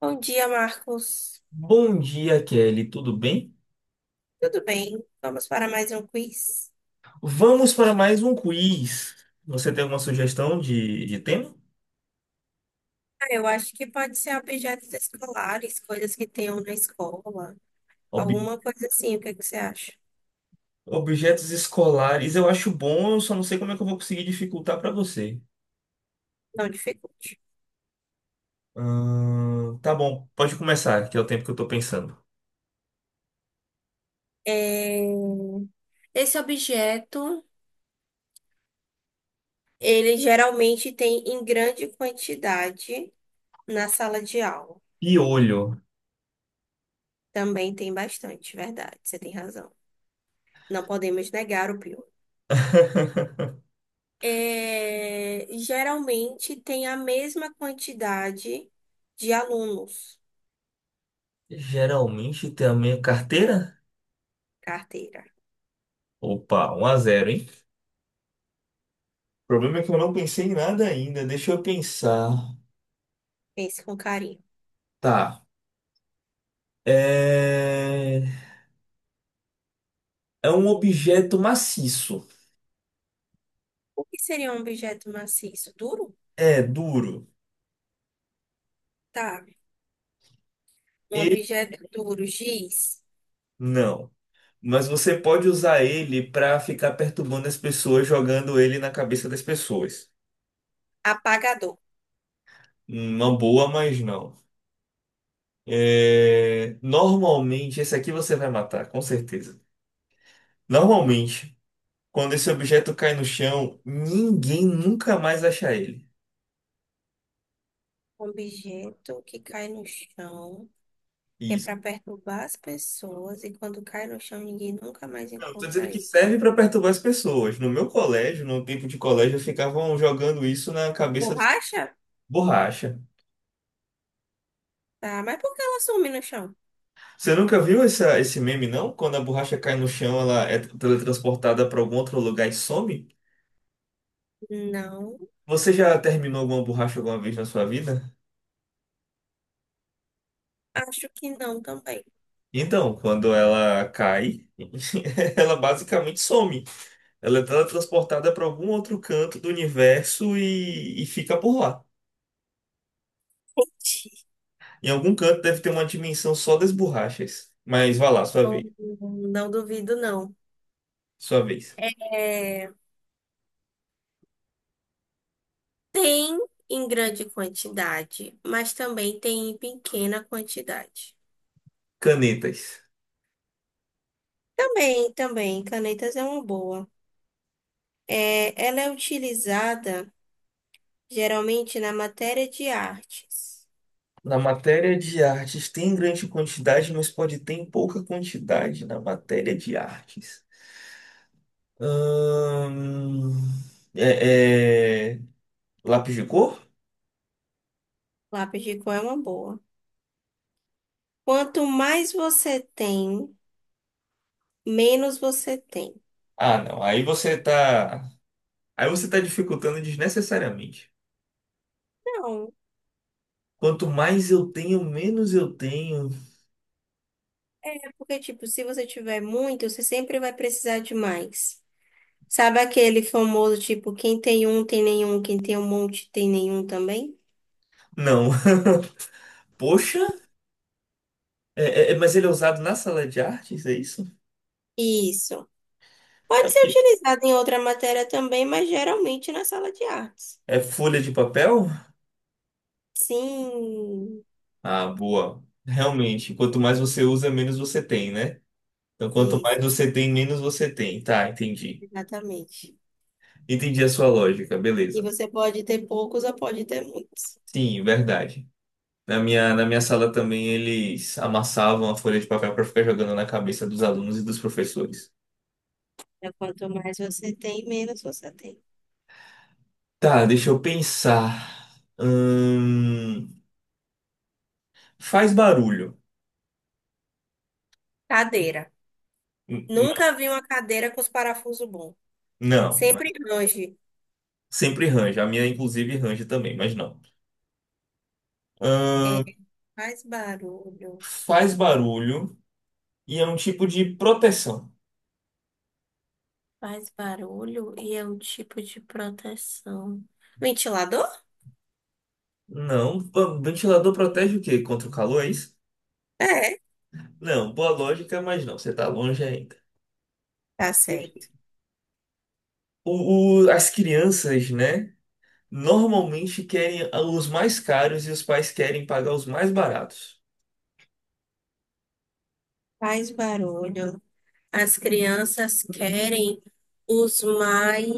Bom dia, Marcos. Bom dia, Kelly. Tudo bem? Tudo bem? Vamos para mais um quiz? Vamos para mais um quiz. Você tem alguma sugestão de tema? Eu acho que pode ser objetos escolares, coisas que tenham na escola, Ob- alguma coisa assim. O que é que você acha? Objetos escolares. Eu acho bom, eu só não sei como é que eu vou conseguir dificultar para você. Não dificulte. Tá bom, pode começar, que é o tempo que eu tô pensando. É, Esse objeto, ele geralmente tem em grande quantidade na sala de aula. Piolho. Também tem bastante, verdade. Você tem razão. Não podemos negar o pior. Geralmente tem a mesma quantidade de alunos. Geralmente tem a minha carteira? Carteira. Opa, 1 a 0, hein? O problema é que eu não pensei em nada ainda. Deixa eu pensar. Pense com carinho. Tá. É, É um objeto maciço. O que seria um objeto maciço? Duro? É duro. Tá. Um Ele objeto duro, giz, não. Mas você pode usar ele pra ficar perturbando as pessoas, jogando ele na cabeça das pessoas. apagador. Uma boa, mas não. É, normalmente, esse aqui você vai matar, com certeza. Normalmente, quando esse objeto cai no chão, ninguém nunca mais acha ele. Um objeto que cai no chão, que é Isso. para perturbar as pessoas, e quando cai no chão, ninguém nunca mais Não, eu tô dizendo encontra que ele. serve pra perturbar as pessoas. No meu colégio, no tempo de colégio, ficavam jogando isso na cabeça dos Borracha? borracha. Tá, mas por que ela some no chão? Você nunca viu essa, esse meme, não? Quando a borracha cai no chão, ela é teletransportada para algum outro lugar e some? Não, Você já terminou alguma borracha alguma vez na sua vida? acho que não também. Então, quando ela cai, ela basicamente some. Ela é teletransportada para algum outro canto do universo e fica por lá. Em algum canto deve ter uma dimensão só das borrachas. Mas vá lá, sua Não, vez. não duvido, não. Sua vez. É, tem em grande quantidade, mas também tem em pequena quantidade. Canetas. Também, também, canetas é uma boa. É, ela é utilizada geralmente na matéria de artes. Na matéria de artes tem grande quantidade, mas pode ter em pouca quantidade na matéria de artes. Hum, é, é, Lápis de cor? Lápis de cor é uma boa. Quanto mais você tem, menos você tem. Ah, não. Aí você tá dificultando desnecessariamente. Não, Quanto mais eu tenho, menos eu tenho. é porque, tipo, se você tiver muito, você sempre vai precisar de mais. Sabe aquele famoso, tipo, quem tem um tem nenhum, quem tem um monte tem nenhum também? Não. Poxa, mas ele é usado na sala de artes, é isso? Isso. Pode O ser quê? utilizado em outra matéria também, mas geralmente na sala de artes. É folha de papel? Sim. Ah, boa. Realmente, quanto mais você usa, menos você tem, né? Então, quanto Isso. mais você tem, menos você tem. Tá, entendi. Exatamente. Entendi a sua lógica, E beleza. você pode ter poucos ou pode ter muitos. Sim, verdade. Na minha sala também eles amassavam a folha de papel para ficar jogando na cabeça dos alunos e dos professores. Então, quanto mais você tem, menos você tem. Tá, deixa eu pensar. Faz barulho. Cadeira. N- n- Nunca vi uma cadeira com os parafusos bons. Não, Sempre longe. sempre range. A minha, inclusive, range também, mas não. É, Hum, Faz barulho. Faz barulho e é um tipo de proteção. Faz barulho e é um tipo de proteção. Ventilador? Não, o ventilador protege o quê? Contra o calor, é isso? É, Não, boa lógica, mas não, você tá longe ainda. tá certo. As crianças, né, normalmente querem os mais caros e os pais querem pagar os mais baratos. Faz barulho. As crianças querem os mais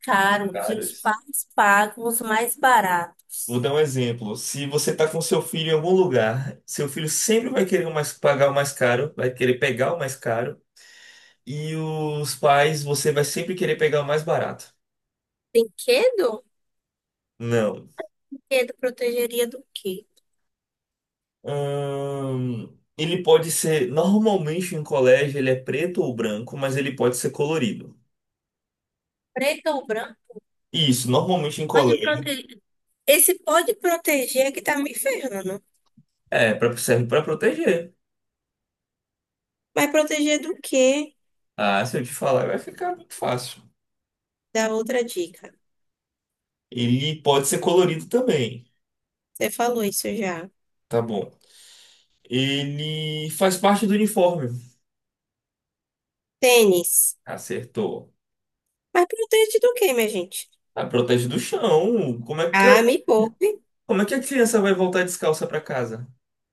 caros e os Caros. pais pagam os mais baratos. Vou dar um exemplo. Se você tá com seu filho em algum lugar, seu filho sempre vai querer o mais- pagar o mais caro, vai querer pegar o mais caro, e os pais, você vai sempre querer pegar o mais barato. Brinquedo? Não. Medo protegeria do quê? Ele pode ser, normalmente em colégio, ele é preto ou branco, mas ele pode ser colorido. Preto ou branco? Isso, normalmente em Pode colégio. proteger. Esse pode proteger que tá me ferrando. Serve para proteger. Mas proteger do quê? Ah, se eu te falar, vai ficar muito fácil. Da outra dica. Ele pode ser colorido também. Você falou isso já. Tá bom. Ele faz parte do uniforme. Tênis. Acertou. Mas protege do quê, minha gente? Ah, protege do chão. Ah, me poupe. Como é que a criança vai voltar descalça pra casa?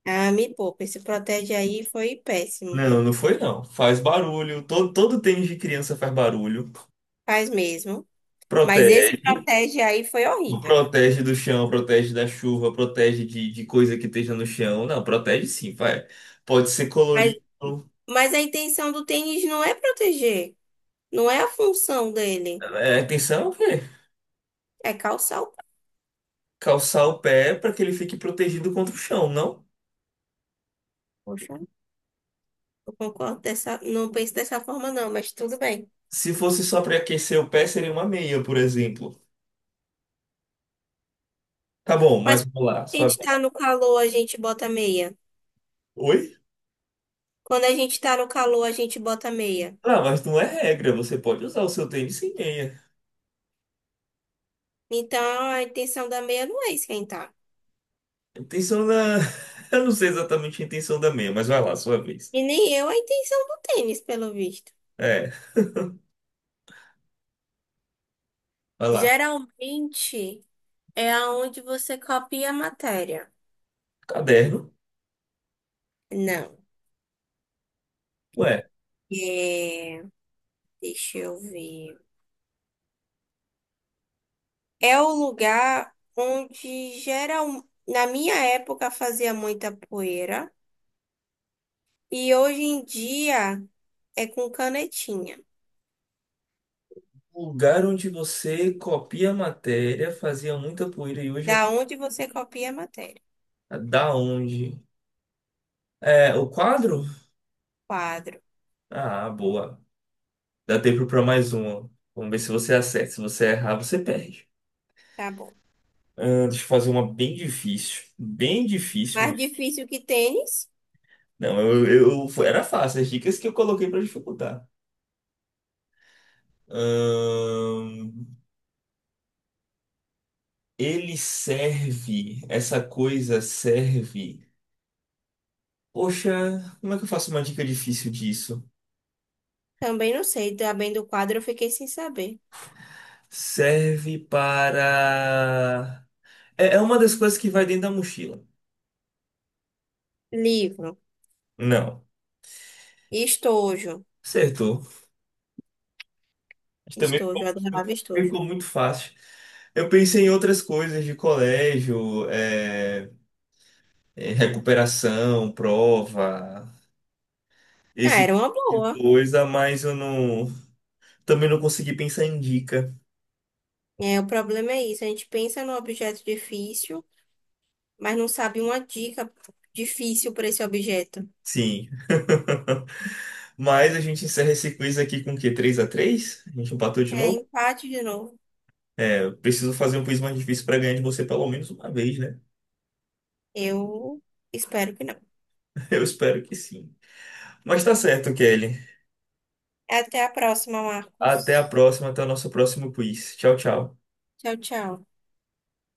Ah, me poupe. Esse protege aí foi péssimo. Não, não foi não. Faz barulho. Todo tênis de criança faz barulho. Faz mesmo. Mas esse Protege. protege aí foi horrível. Protege do chão, protege da chuva, protege de coisa que esteja no chão. Não, protege sim, vai. Pode ser Mas, colorido. mas a intenção do tênis não é proteger. Não é a função dele. É, atenção, o quê? É calçar o pé. Calçar o pé para que ele fique protegido contra o chão, não? Poxa. Eu concordo dessa, não penso dessa forma não, mas tudo bem. Se fosse só para aquecer o pé, seria uma meia, por exemplo. Tá bom, Mas mas quando vamos lá. a gente tá no calor, a gente bota meia. Oi? Quando a gente tá no calor, a gente bota meia. Ah, mas não é regra. Você pode usar o seu tênis sem meia. Então a intenção da meia não é esquentar. A intenção da. Eu não sei exatamente a intenção da meia, mas vai lá, sua vez. E nem eu a intenção do tênis, pelo visto. É, Vai lá. Geralmente é aonde você copia a matéria. Caderno. Não. Ué, É, deixa eu ver. É o lugar onde geral, na minha época fazia muita poeira. E hoje em dia é com canetinha. o lugar onde você copia a matéria, fazia muita poeira e hoje Da onde você copia a matéria? é da onde? É, o quadro? Quadro. Ah, boa. Dá tempo pra mais uma. Vamos ver se você acerta. Se você errar, você perde. Tá bom. Ah, deixa eu fazer uma bem difícil. Bem difícil Mais mesmo. difícil que tênis? Não, era fácil. As dicas que eu coloquei pra dificultar. Ahn, Ele serve. Essa coisa serve. Poxa, como é que eu faço uma dica difícil disso? Também não sei. Também do quadro eu fiquei sem saber. Serve para. É uma das coisas que vai dentro da mochila. Livro. Não. Estojo. Acertou. Mas também. Estojo. Eu adorava estojo. Ficou muito fácil. Eu pensei em outras coisas de colégio, recuperação, prova, Ah, esse era tipo uma de boa. coisa, mas eu não, também não consegui pensar em dica. É, o problema é isso. A gente pensa num objeto difícil, mas não sabe uma dica difícil para esse objeto. Sim. Mas a gente encerra esse quiz aqui com o quê? 3x3? A três? A gente empatou de É novo? empate de novo. Eu preciso fazer um quiz mais difícil para ganhar de você pelo menos uma vez, né? Eu espero que não. Eu espero que sim. Mas tá certo, Kelly. Até a próxima, Até Marcos. a próxima, até o nosso próximo quiz. Tchau, tchau. Tchau, tchau.